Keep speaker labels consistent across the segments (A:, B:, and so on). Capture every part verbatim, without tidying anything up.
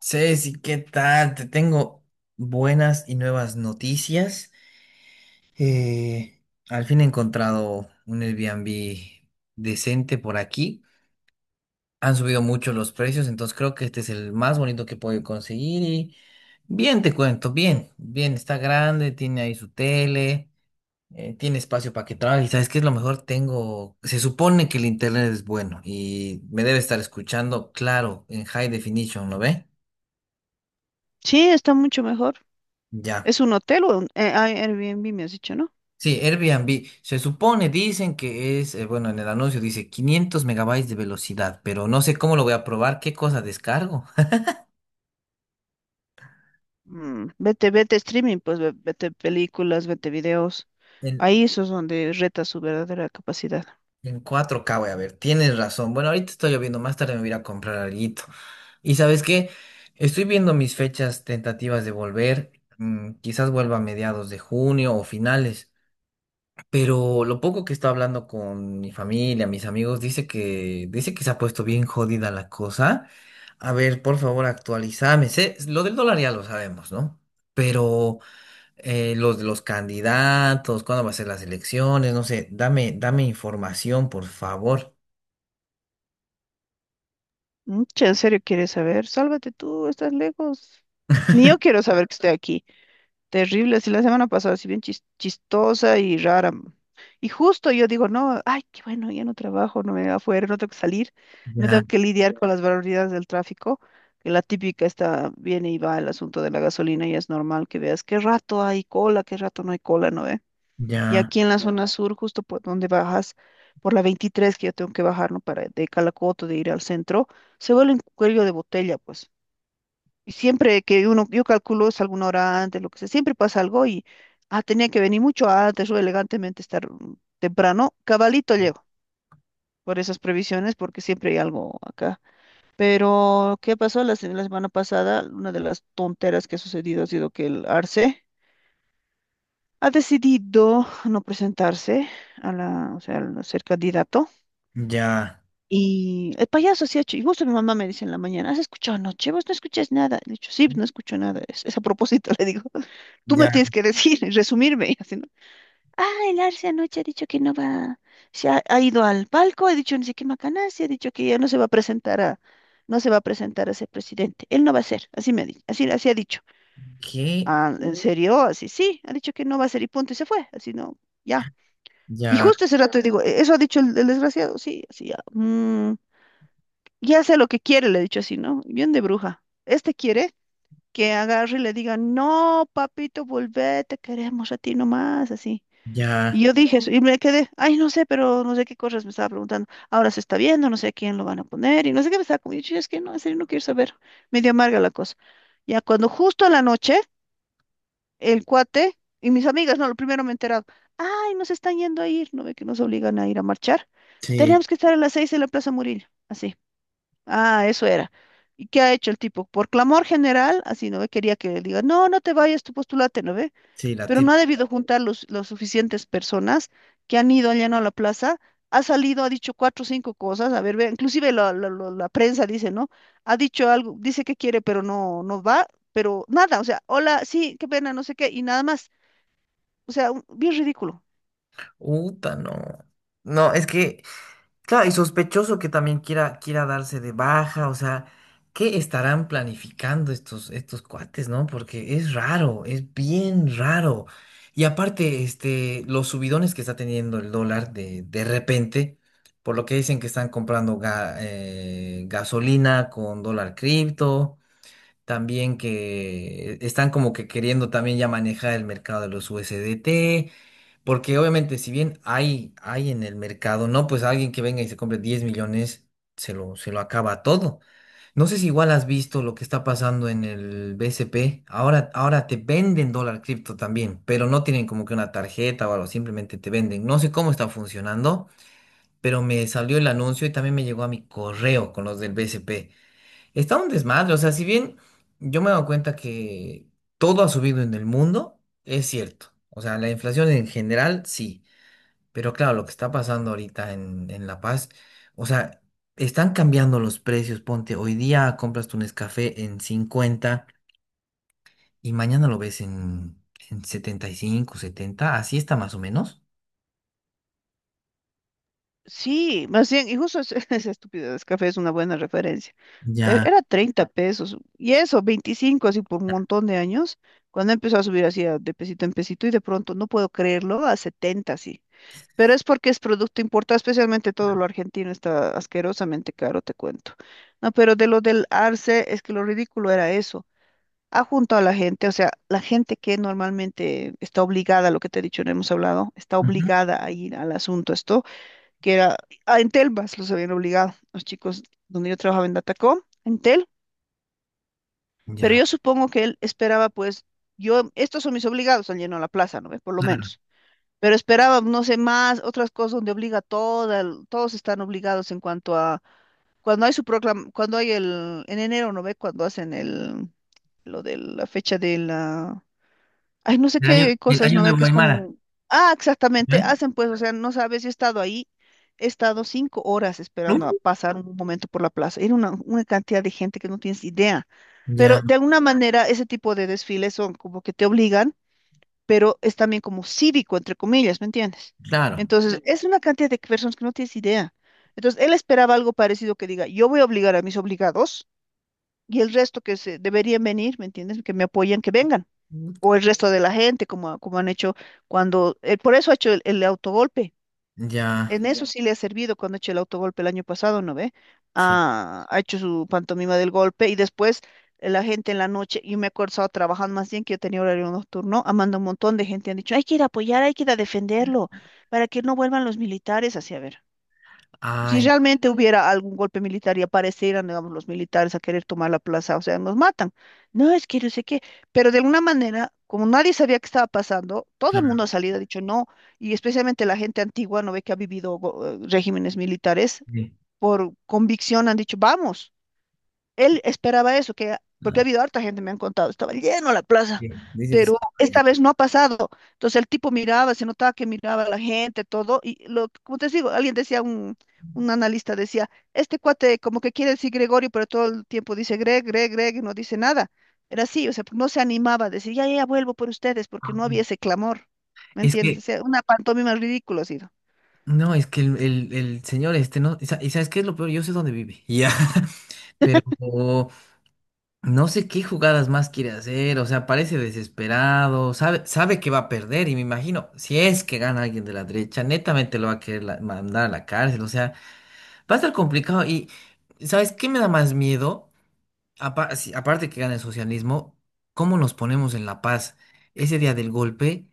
A: Ceci, ¿qué tal? Te tengo buenas y nuevas noticias. Eh, Al fin he encontrado un Airbnb decente por aquí. Han subido mucho los precios, entonces creo que este es el más bonito que puedo conseguir. Y bien, te cuento, bien, bien, está grande, tiene ahí su tele, eh, tiene espacio para que trabaje. ¿Y sabes qué es lo mejor? Tengo, se supone que el internet es bueno y me debe estar escuchando, claro, en high definition, ¿lo ve?
B: Sí, está mucho mejor.
A: Ya.
B: ¿Es un hotel o un eh, ah, Airbnb, me has dicho, ¿no?
A: Sí, Airbnb. Se supone, dicen que es, eh, bueno, en el anuncio dice quinientos megabytes de velocidad, pero no sé cómo lo voy a probar, qué cosa descargo.
B: Mm, vete, vete streaming, pues ve- vete películas, vete videos.
A: En,
B: Ahí eso es donde reta su verdadera capacidad.
A: en cuatro K voy a ver, tienes razón. Bueno, ahorita está lloviendo, más tarde me voy a ir a comprar alguito. Y ¿sabes qué? Estoy viendo mis fechas tentativas de volver. Mm, quizás vuelva a mediados de junio o finales. Pero lo poco que está hablando con mi familia, mis amigos, dice que, dice que se ha puesto bien jodida la cosa. A ver, por favor, actualizame. Sé- lo del dólar ya lo sabemos, ¿no? Pero eh, los de los candidatos, cuándo va a ser las elecciones, no sé, dame, dame información, por favor.
B: Mm, che, ¿en serio quieres saber? Sálvate tú, estás lejos. Ni yo quiero saber que estoy aquí. Terrible, así la semana pasada, así bien chis- chistosa y rara. Y justo yo digo, no, ay, qué bueno, ya no trabajo, no me va afuera, no tengo que salir, no
A: Ya,
B: tengo que lidiar con las barbaridades del tráfico, que la típica está, viene y va el asunto de la gasolina y es normal que veas qué rato hay cola, qué rato no hay cola, ¿no ve? Y
A: ya,
B: aquí en la zona sur, justo por donde bajas, por la veintitrés que yo tengo que bajar, ¿no? Para de Calacoto, de ir al centro, se vuelve un cuello de botella, pues. Y siempre que uno, yo calculo es alguna hora antes, lo que sea, siempre pasa algo y, ah, tenía que venir mucho antes o elegantemente estar mm, temprano, cabalito llego por esas previsiones porque siempre hay algo acá. Pero, ¿qué pasó la, se- la semana pasada? Una de las tonteras que ha sucedido ha sido que el Arce ha decidido no presentarse a la, o sea, al ser candidato.
A: ya,
B: Y el payaso se ha hecho, y justo mi mamá me dice en la mañana, ¿has escuchado anoche? Vos no escuchas nada. Le he dicho, sí, no escucho nada. Es, es a propósito, le digo. Tú me
A: ya.
B: tienes que decir, resumirme, y así, ¿no? Ah, el Arce anoche ha dicho que no va, se ha, ha ido al palco, ha dicho no sé qué macanaz, y ha dicho que ya no se va a presentar a, no se va a presentar a ser presidente, él no va a ser, así me ha dicho, así, así ha dicho.
A: ¿Qué?
B: Ah, ¿en serio? Así, sí, ha dicho que no va a ser y punto, y se fue, así no, ya. Y
A: Ya,
B: justo ese rato digo: "E- Eso ha dicho el, el desgraciado, sí, así ya. Mm, ya sé lo que quiere", le he dicho así, ¿no? Bien de bruja. Este quiere que agarre y le diga: "No, papito, volvete, queremos a ti nomás", así. Y
A: ya,
B: yo dije eso, y me quedé, ay, no sé, pero no sé qué cosas me estaba preguntando. Ahora se está viendo, no sé a quién lo van a poner, y no sé qué me estaba comiendo. Es que no, en serio no quiero saber. Medio amarga la cosa. Ya cuando justo a la noche, el cuate y mis amigas, no, lo primero me he enterado, ay, nos están yendo a ir, no ve que nos obligan a ir a marchar.
A: sí,
B: Tenemos que estar a las seis en la Plaza Murillo, así. Ah, eso era. ¿Y qué ha hecho el tipo? Por clamor general, así, ¿no ve? Quería que le diga: "No, no te vayas, tú postulate", ¿no ve?
A: sí, la
B: Pero
A: tira.
B: no ha debido juntar los, los suficientes personas que han ido, han llenado la plaza, ha salido, ha dicho cuatro o cinco cosas, a ver, ve- inclusive la, la- la- la prensa dice, ¿no? Ha dicho algo, dice que quiere, pero no, no va, pero nada, o sea, hola, sí, qué pena, no sé qué, y nada más, o sea, un- bien ridículo.
A: Uta, no. No, es que. Claro, y sospechoso que también quiera, quiera darse de baja, o sea, ¿qué estarán planificando estos, estos cuates, no? Porque es raro, es bien raro. Y aparte, este, los subidones que está teniendo el dólar de, de repente, por lo que dicen que están comprando ga- eh, gasolina con dólar cripto, también que están como que queriendo también ya manejar el mercado de los U S D T. Porque obviamente, si bien hay, hay en el mercado, no, pues alguien que venga y se compre diez millones, se lo, se lo acaba todo. No sé si igual has visto lo que está pasando en el B C P. Ahora, ahora te venden dólar cripto también, pero no tienen como que una tarjeta o algo, simplemente te venden. No sé cómo está funcionando, pero me salió el anuncio y también me llegó a mi correo con los del B C P. Está un desmadre, o sea, si bien yo me he dado cuenta que todo ha subido en el mundo, es cierto. O sea, la inflación en general, sí. Pero claro, lo que está pasando ahorita en, en La Paz, o sea, están cambiando los precios. Ponte, hoy día compras tu Nescafé en cincuenta y mañana lo ves en, en setenta y cinco setenta así está más o menos.
B: Sí, más bien, y justo es- esa estupidez, café es una buena referencia.
A: Ya,
B: Te- Era treinta pesos, y eso, veinticinco así por un montón de años, cuando empezó a subir así a- de pesito en pesito, y de pronto, no puedo creerlo, a setenta así. Pero es porque es producto importado, especialmente todo lo argentino está asquerosamente caro, te cuento. No, pero de lo del arce, es que lo ridículo era eso. Ha juntado a la gente, o sea, la gente que normalmente está obligada, lo que te he dicho, no hemos hablado, está
A: ujú,
B: obligada a ir al asunto esto, que era, ah, en Telvas los habían obligado, los chicos donde yo trabajaba en Datacom, en Tel, pero
A: ya,
B: yo supongo que él esperaba, pues, yo, estos son mis obligados, han llenado la plaza, ¿no ve? Por lo
A: claro.
B: menos. Pero esperaba, no sé, más, otras cosas donde obliga a toda, el- todos están obligados en cuanto a, cuando hay su proclama, cuando hay el, en enero, ¿no ve? Cuando hacen el, lo de la fecha de la, ay, no sé
A: El año,
B: qué
A: el
B: cosa es,
A: año
B: ¿no ve?
A: nuevo
B: Que es
A: Aymara,
B: como, ah, exactamente,
A: ¿eh?
B: hacen pues, o sea, no sabes, yo he estado ahí, he estado cinco horas
A: Uh,
B: esperando a pasar un momento por la plaza, era una, una cantidad de gente que no tienes idea, pero
A: Ya,
B: de alguna manera ese tipo de desfiles son como que te obligan, pero es también como cívico, entre comillas, ¿me entiendes?
A: claro,
B: Entonces, sí, es una cantidad de personas que no tienes idea. Entonces, él esperaba algo parecido, que diga, yo voy a obligar a mis obligados y el resto que se deberían venir, ¿me entiendes? Que me apoyen, que vengan. O el resto de la gente, como, como han hecho cuando, eh, por eso ha hecho el, el autogolpe.
A: ya,
B: En eso sí le ha servido cuando ha hecho el autogolpe el año pasado, ¿no ve?
A: sí.
B: Ah, ha hecho su pantomima del golpe y después eh, la gente en la noche, yo me acuerdo, estaba trabajando más bien que yo tenía horario nocturno, ha mandado un montón de gente, han dicho, hay que ir a apoyar, hay que ir a defenderlo, para que no vuelvan los militares, así a ver. Si
A: Ay,
B: realmente hubiera algún golpe militar y aparecieran, digamos, los militares a querer tomar la plaza, o sea, nos matan. No, es que yo sé qué, pero de alguna manera, como nadie sabía qué estaba pasando, todo el mundo
A: claro.
B: ha salido, ha dicho no, y especialmente la gente antigua, no ve que ha vivido go- eh, regímenes militares,
A: Sí,
B: por convicción han dicho, vamos. Él esperaba eso, que, porque ha
A: ah,
B: habido harta gente, me han contado, estaba lleno la plaza,
A: sí. Dice que sí.
B: pero esta vez no ha pasado. Entonces el tipo miraba, se notaba que miraba a la gente, todo, y lo, como te digo, alguien decía, un, un analista decía, este cuate como que quiere decir Gregorio, pero todo el tiempo dice Greg, Greg, Greg, y no dice nada. Era así, o sea, no se animaba a decir, ya, ya, ya, vuelvo por ustedes, porque no
A: Ay.
B: había ese clamor, ¿me
A: Es
B: entiendes? O
A: que
B: sea, una pantomima ridícula ha sido.
A: no, es que el, el- el señor este no, y sa- y ¿sabes qué es lo peor? Yo sé dónde vive. Ya. Pero no sé qué jugadas más quiere hacer, o sea, parece desesperado, sabe, sabe que va a perder y me imagino, si es que gana alguien de la derecha, netamente lo va a querer la- mandar a la cárcel, o sea, va a estar complicado. Y ¿sabes qué me da más miedo? Apa- si- aparte que gana el socialismo, ¿cómo nos ponemos en La Paz? Ese día del golpe,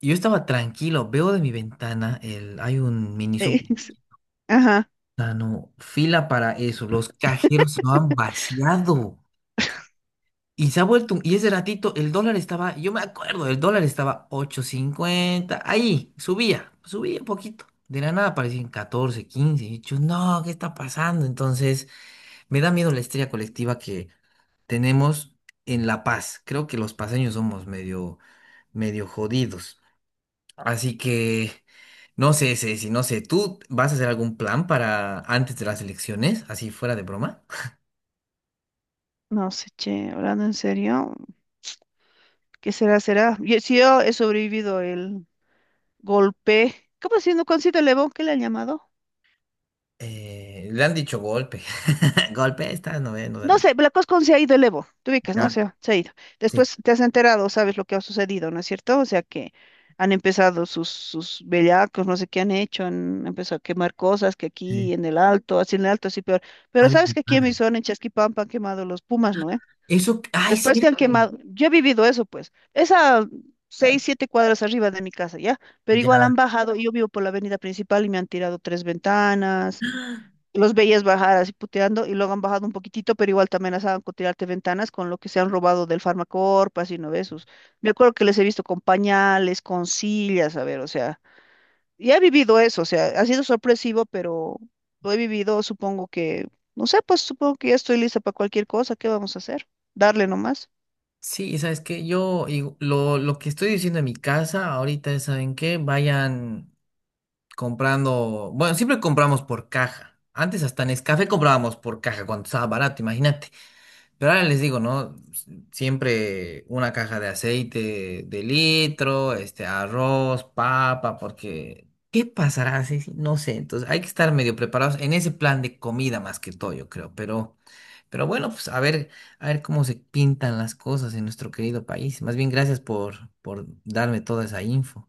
A: yo estaba tranquilo, veo de mi ventana, el, hay un mini
B: Ajá,
A: sea, no, fila para eso. Los cajeros se lo han vaciado. Y se ha vuelto, un- y ese ratito el dólar estaba, yo me acuerdo, el dólar estaba ocho cincuenta ahí, subía, subía un poquito. De la nada aparecían catorce quince. Y yo, no, ¿qué está pasando? Entonces, me da miedo la estrella colectiva que tenemos en La Paz. Creo que los paseños somos medio, medio jodidos. Así que, no sé, Ceci, no sé, ¿tú vas a hacer algún plan para antes de las elecciones, así fuera de broma?
B: no sé, che, hablando en serio. ¿Qué será, será? Yo- si yo he sobrevivido el golpe, ¿cómo se llama? ¿Cuándo se el Evo? ¿Qué le han llamado?
A: Eh, le han dicho golpe. Golpe, esta no ve, nos han
B: No
A: dicho.
B: sé, la cosa cuando se ha ido el Evo, tú ubicas, ¿no?
A: Ya,
B: O sea, se ha ido.
A: sí,
B: Después te has enterado, sabes lo que ha sucedido, ¿no es cierto? O sea, que han empezado sus, sus bellacos, no sé qué han hecho, han empezado a quemar cosas, que
A: sí.
B: aquí en el Alto, así en el Alto, así peor.
A: Ah,
B: Pero sabes
A: bien,
B: que aquí en mi
A: padre.
B: zona, en Chasquipampa, han quemado los pumas, ¿no? ¿Eh?
A: Eso, ay,
B: Después que
A: cierto.
B: han quemado, yo he vivido eso, pues, esa seis,
A: Tal.
B: siete cuadras arriba de mi casa, ¿ya? Pero igual
A: Ya.
B: han bajado, y yo vivo por la avenida principal y me han tirado tres ventanas, los veías bajar así puteando y luego han bajado un poquitito, pero igual te amenazaban con tirarte ventanas con lo que se han robado del Farmacorp, así no de esos. Me acuerdo que les he visto con pañales, con sillas, a ver, o sea, y he vivido eso, o sea, ha sido sorpresivo, pero lo he vivido, supongo que, no sé, pues supongo que ya estoy lista para cualquier cosa, ¿qué vamos a hacer? Darle nomás.
A: Sí, ¿sabes qué? Yo y lo, lo que estoy diciendo en mi casa ahorita es, ¿saben qué? Vayan comprando, bueno, siempre compramos por caja. Antes hasta en Nescafé comprábamos por caja cuando estaba barato, imagínate. Pero ahora les digo, ¿no? Siempre una caja de aceite de litro, este, arroz, papa, porque ¿qué pasará? Sí, sí, no sé. Entonces hay que estar medio preparados en ese plan de comida más que todo, yo creo. Pero, pero bueno, pues a ver, a ver cómo se pintan las cosas en nuestro querido país. Más bien, gracias por, por darme toda esa info.